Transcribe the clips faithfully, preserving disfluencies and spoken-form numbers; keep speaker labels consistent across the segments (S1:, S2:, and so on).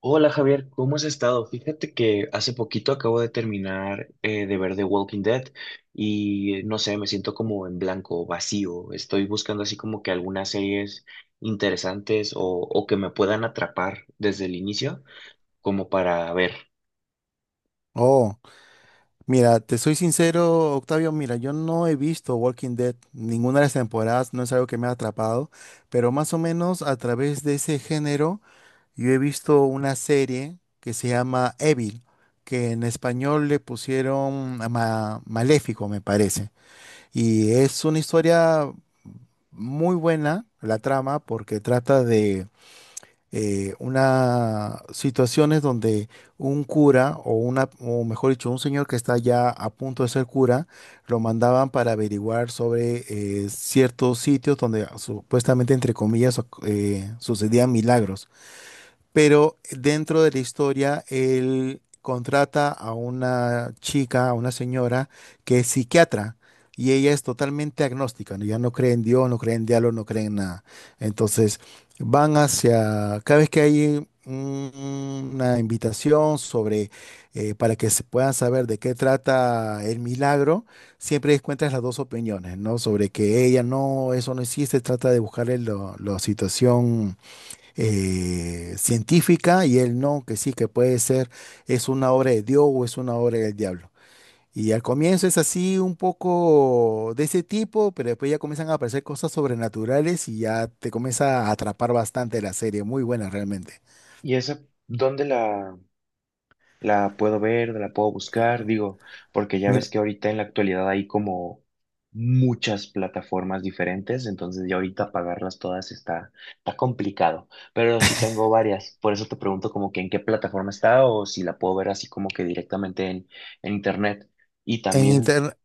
S1: Hola Javier, ¿cómo has estado? Fíjate que hace poquito acabo de terminar eh, de ver The Walking Dead y no sé, me siento como en blanco, vacío. Estoy buscando así como que algunas series interesantes o, o que me puedan atrapar desde el inicio, como para ver.
S2: Oh, mira, te soy sincero, Octavio, mira, yo no he visto Walking Dead, ninguna de las temporadas, no es algo que me ha atrapado, pero más o menos a través de ese género, yo he visto una serie que se llama Evil, que en español le pusieron ma- Maléfico, me parece, y es una historia muy buena, la trama, porque trata de eh, una situaciones donde un cura o una, o mejor dicho, un señor que está ya a punto de ser cura, lo mandaban para averiguar sobre eh, ciertos sitios donde supuestamente, entre comillas, oc- eh, sucedían milagros, pero dentro de la historia él contrata a una chica, a una señora que es psiquiatra y ella es totalmente agnóstica, ¿no? Ella no cree en Dios, no cree en diablo, no cree en nada. Entonces van hacia, cada vez que hay un- una invitación sobre, eh, para que se puedan saber de qué trata el milagro, siempre encuentras las dos opiniones, ¿no? Sobre que ella no, eso no existe, trata de buscarle lo- la situación eh, científica, y él no, que sí, que puede ser, es una obra de Dios o es una obra del diablo. Y al comienzo es así un poco de ese tipo, pero después ya comienzan a aparecer cosas sobrenaturales y ya te comienza a atrapar bastante la serie, muy buena realmente.
S1: ¿Y esa dónde la, la puedo ver, la puedo buscar? Digo, porque ya
S2: Mira,
S1: ves que ahorita en la actualidad hay como muchas plataformas diferentes, entonces ya ahorita pagarlas todas está, está complicado, pero sí tengo varias, por eso te pregunto como que en qué plataforma está o si la puedo ver así como que directamente en, en internet. Y
S2: en
S1: también,
S2: inter-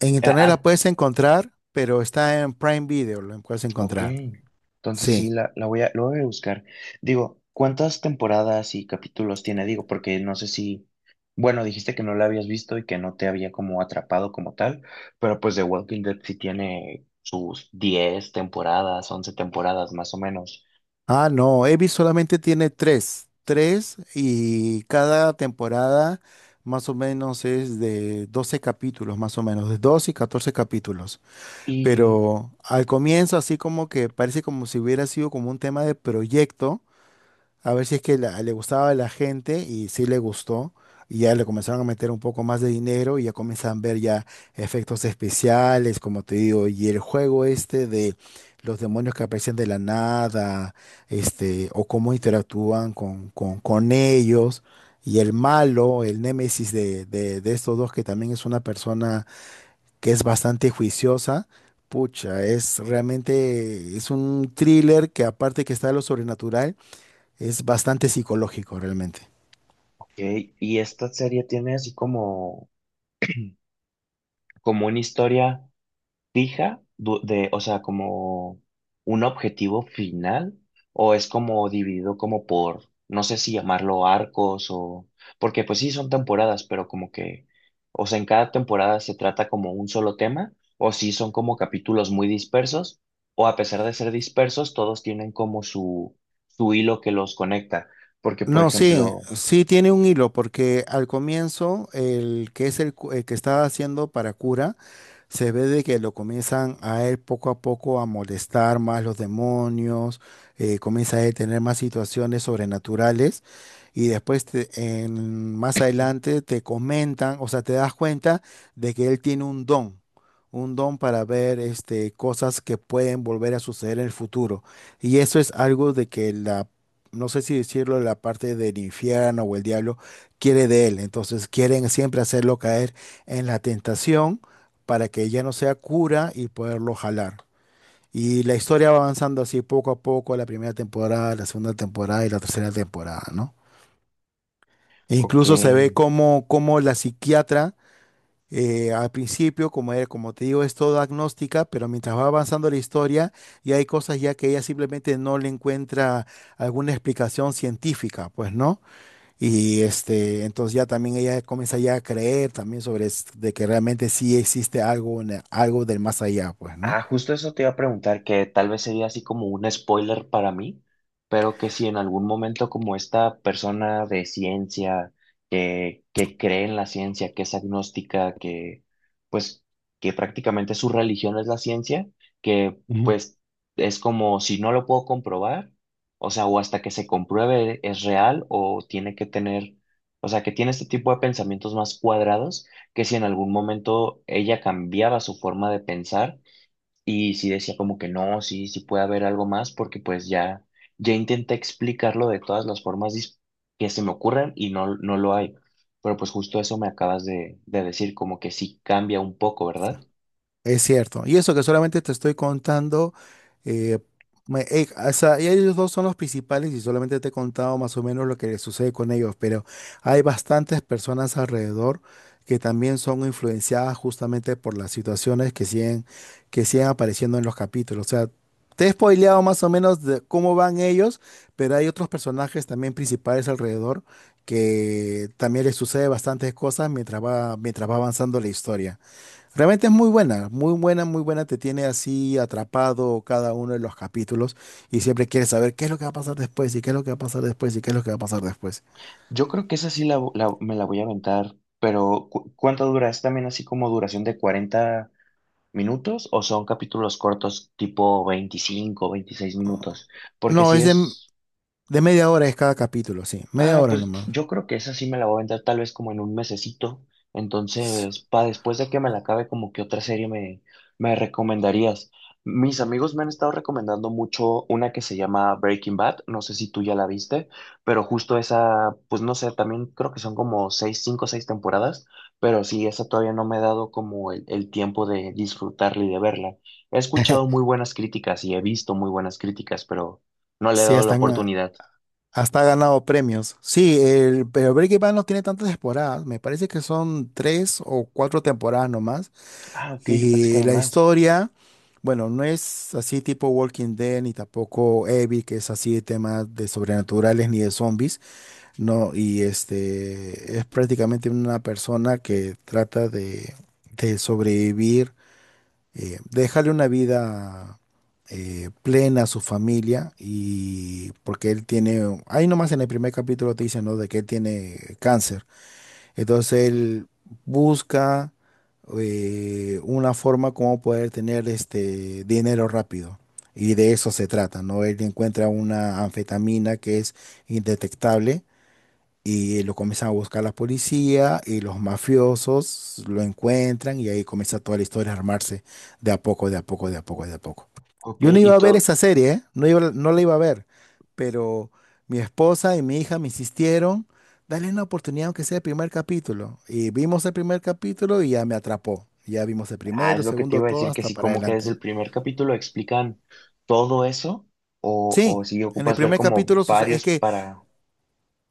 S2: en
S1: eh,
S2: internet la
S1: ah,
S2: puedes encontrar, pero está en Prime Video, la puedes
S1: ok,
S2: encontrar.
S1: entonces sí,
S2: Sí.
S1: la, la voy a, lo voy a buscar. Digo, ¿cuántas temporadas y capítulos tiene? Digo, porque no sé si, bueno, dijiste que no la habías visto y que no te había como atrapado como tal, pero pues The Walking Dead sí tiene sus diez temporadas, once temporadas más o menos.
S2: Ah, no, Evi solamente tiene tres, tres, y cada temporada más o menos es de doce capítulos, más o menos, de doce y catorce capítulos.
S1: Y,
S2: Pero al comienzo así como que parece como si hubiera sido como un tema de proyecto. A ver si es que la- le gustaba a la gente y sí le gustó. Y ya le comenzaron a meter un poco más de dinero y ya comienzan a ver ya efectos especiales, como te digo, y el juego este de los demonios que aparecen de la nada, este, o cómo interactúan con, con, con ellos, y el malo, el némesis de, de, de estos dos, que también es una persona que es bastante juiciosa, pucha, es realmente, es un thriller que aparte que está de lo sobrenatural es bastante psicológico realmente.
S1: ok, y esta serie tiene así como, como una historia fija du- de, o sea, como un objetivo final o es como dividido como por, no sé si llamarlo arcos o, porque pues sí son temporadas, pero como que, o sea, en cada temporada se trata como un solo tema o si son como capítulos muy dispersos o a pesar de ser dispersos, todos tienen como su, su hilo que los conecta, porque por
S2: No, sí,
S1: ejemplo,
S2: sí tiene un hilo, porque al comienzo el, que es el, cu- el que está haciendo para cura, se ve de que lo comienzan a él poco a poco a molestar más los demonios, eh, comienza a él tener más situaciones sobrenaturales, y después te- en- más adelante te comentan, o sea, te das cuenta de que él tiene un don, un don para ver este, cosas que pueden volver a suceder en el futuro. Y eso es algo de que la, no sé si decirlo, la parte del infierno o el diablo quiere de él. Entonces quieren siempre hacerlo caer en la tentación para que ya no sea cura y poderlo jalar. Y la historia va avanzando así poco a poco, la primera temporada, la segunda temporada y la tercera temporada, ¿no? E
S1: ok.
S2: incluso se ve como, como la psiquiatra, eh, al principio, como, era- como te digo, es todo agnóstica, pero mientras va avanzando la historia, ya hay cosas ya que ella simplemente no le encuentra alguna explicación científica, pues, ¿no? Y este, entonces ya también ella comienza ya a creer también sobre es- de que realmente sí existe algo, en el- algo del más allá, pues, ¿no?
S1: Ah, justo eso te iba a preguntar, que tal vez sería así como un spoiler para mí, pero que si en algún momento como esta persona de ciencia, que, que cree en la ciencia, que es agnóstica, que pues que prácticamente su religión es la ciencia, que pues es como si no lo puedo comprobar, o sea, o hasta que se compruebe es real o tiene que tener, o sea, que tiene este tipo de pensamientos más cuadrados, que si en algún momento ella cambiaba su forma de pensar, y sí decía como que no, sí, sí puede haber algo más, porque pues ya, ya intenté explicarlo de todas las formas dis- que se me ocurran y no, no lo hay. Pero pues justo eso me acabas de, de decir, como que sí cambia un poco, ¿verdad?
S2: Es cierto. Y eso que solamente te estoy contando, eh, me- eh, o sea, y ellos dos son los principales, y solamente te he contado más o menos lo que les sucede con ellos, pero hay bastantes personas alrededor que también son influenciadas justamente por las situaciones que siguen, que siguen apareciendo en los capítulos. O sea, te he spoileado más o menos de cómo van ellos, pero hay otros personajes también principales alrededor que también les sucede bastantes cosas mientras va, mientras va avanzando la historia. Realmente es muy buena, muy buena, muy buena. Te tiene así atrapado cada uno de los capítulos, y siempre quieres saber qué es lo que va a pasar después, y qué es lo que va a pasar después, y qué es lo que va a pasar después.
S1: Yo creo que esa sí la, la- me la voy a aventar, pero cu- ¿cuánto dura? ¿Es también así como duración de cuarenta minutos o son capítulos cortos tipo veinticinco veintiséis minutos? Porque
S2: No,
S1: si
S2: es de,
S1: es
S2: de media hora es cada capítulo, sí, media
S1: ah,
S2: hora
S1: pues
S2: nomás.
S1: yo creo que esa sí me la voy a aventar tal vez como en un mesecito. Entonces, para después de que me la acabe, como que otra serie me, me recomendarías. Mis amigos me han estado recomendando mucho una que se llama Breaking Bad. No sé si tú ya la viste, pero justo esa, pues no sé, también creo que son como seis, cinco, o seis temporadas, pero sí, esa todavía no me he dado como el, el tiempo de disfrutarla y de verla. He escuchado muy buenas críticas y he visto muy buenas críticas, pero no le he
S2: Sí, ya
S1: dado la
S2: están.
S1: oportunidad.
S2: Hasta ha ganado premios. Sí, el, pero Breaking Bad no tiene tantas temporadas. Me parece que son tres o cuatro temporadas nomás.
S1: Ah, ok, yo pensé que
S2: Y
S1: eran
S2: la
S1: más.
S2: historia, bueno, no es así tipo Walking Dead, ni tampoco Evil, que es así de temas de sobrenaturales ni de zombies. No, y este es prácticamente una persona que trata de, de sobrevivir, eh, déjale una vida eh, plena a su familia, y porque él tiene, ahí nomás en el primer capítulo te dicen, ¿no? De que él tiene cáncer. Entonces él busca eh, una forma como poder tener este dinero rápido. Y de eso se trata, ¿no? Él encuentra una anfetamina que es indetectable, y lo comienzan a buscar la policía y los mafiosos lo encuentran, y ahí comienza toda la historia a armarse de a poco, de a poco, de a poco, de a poco.
S1: Ok,
S2: Yo no
S1: y
S2: iba a ver
S1: todo,
S2: esa serie, ¿eh? No iba, no la iba a ver, pero mi esposa y mi hija me insistieron, dale una oportunidad aunque sea el primer capítulo. Y vimos el primer capítulo y ya me atrapó. Ya vimos el
S1: ah, es
S2: primero,
S1: lo que te
S2: segundo,
S1: iba a
S2: todo
S1: decir, que
S2: hasta
S1: sí,
S2: para
S1: como que desde
S2: adelante.
S1: el primer capítulo explican todo eso, o,
S2: Sí,
S1: o si
S2: en el
S1: ocupas ver
S2: primer
S1: como
S2: capítulo suce- es
S1: varios
S2: que
S1: para,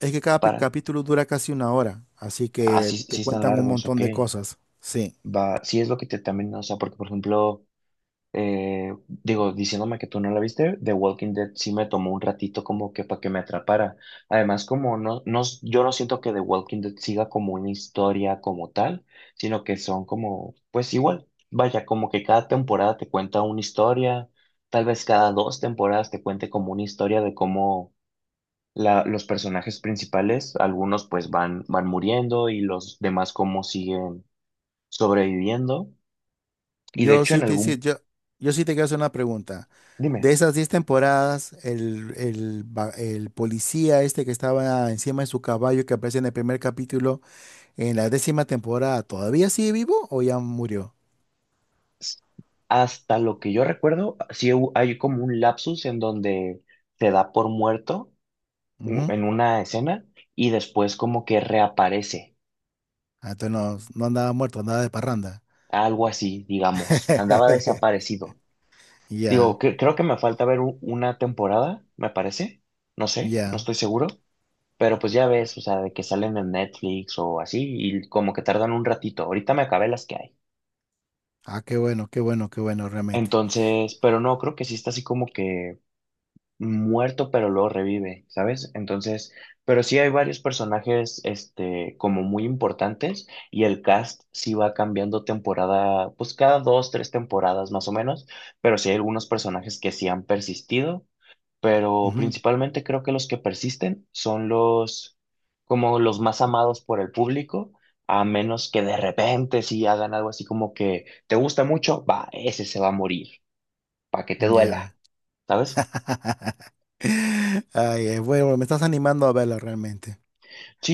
S2: Es que cada pi-
S1: para,
S2: capítulo dura casi una hora, así
S1: ah, sí,
S2: que
S1: sí
S2: te
S1: están
S2: cuentan un
S1: largos, ok,
S2: montón de cosas. Sí,
S1: va, sí es lo que te también, o sea, porque por ejemplo... eh, digo, diciéndome que tú no la viste, The Walking Dead sí me tomó un ratito como que para que me atrapara. Además, como no, no, yo no siento que The Walking Dead siga como una historia como tal, sino que son como, pues igual, vaya, como que cada temporada te cuenta una historia, tal vez cada dos temporadas te cuente como una historia de cómo la, los personajes principales, algunos pues van, van muriendo y los demás cómo siguen sobreviviendo. Y de
S2: yo
S1: hecho en
S2: sí te, hice-
S1: algún,
S2: yo, yo sí te quiero hacer una pregunta.
S1: dime.
S2: De esas diez temporadas, el, el va- el policía este que estaba encima de su caballo que aparece en el primer capítulo, en la décima temporada, ¿todavía sigue vivo o ya murió?
S1: Hasta lo que yo recuerdo, sí hu- hay como un lapsus en donde te da por muerto u-
S2: Ujú.
S1: en una escena y después como que reaparece,
S2: Ah, entonces no, no andaba muerto, andaba de parranda.
S1: algo así, digamos, andaba desaparecido.
S2: Ya,
S1: Digo, que, creo que me falta ver u- una temporada, me parece, no sé, no
S2: ya.
S1: estoy seguro, pero pues ya ves, o sea, de que salen en Netflix o así y como que tardan un ratito, ahorita me acabé las que hay.
S2: Ah, qué bueno, qué bueno, qué bueno, realmente.
S1: Entonces, pero no, creo que sí está así como que muerto, pero luego revive, ¿sabes? Entonces, pero sí hay varios personajes, este, como muy importantes y el cast sí va cambiando temporada, pues cada dos, tres temporadas más o menos, pero sí hay algunos personajes que sí han persistido, pero
S2: Ujú.
S1: principalmente creo que los que persisten son los, como los más amados por el público. A menos que de repente sí hagan algo así como que te gusta mucho, va, ese se va a morir, para que te
S2: Ya.
S1: duela, ¿sabes?
S2: Ay, eh, bueno, me estás animando a verla realmente.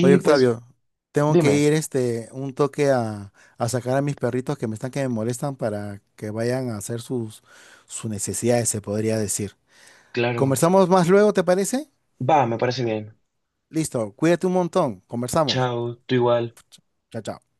S2: Oye,
S1: pues
S2: Octavio, tengo que
S1: dime.
S2: ir este un toque a, a sacar a mis perritos que me están que me molestan para que vayan a hacer sus, sus necesidades, se podría decir.
S1: Claro.
S2: ¿Conversamos más luego, te parece?
S1: Va, me parece bien.
S2: Listo, cuídate un montón. Conversamos.
S1: Chao, tú igual.
S2: Chao, chao.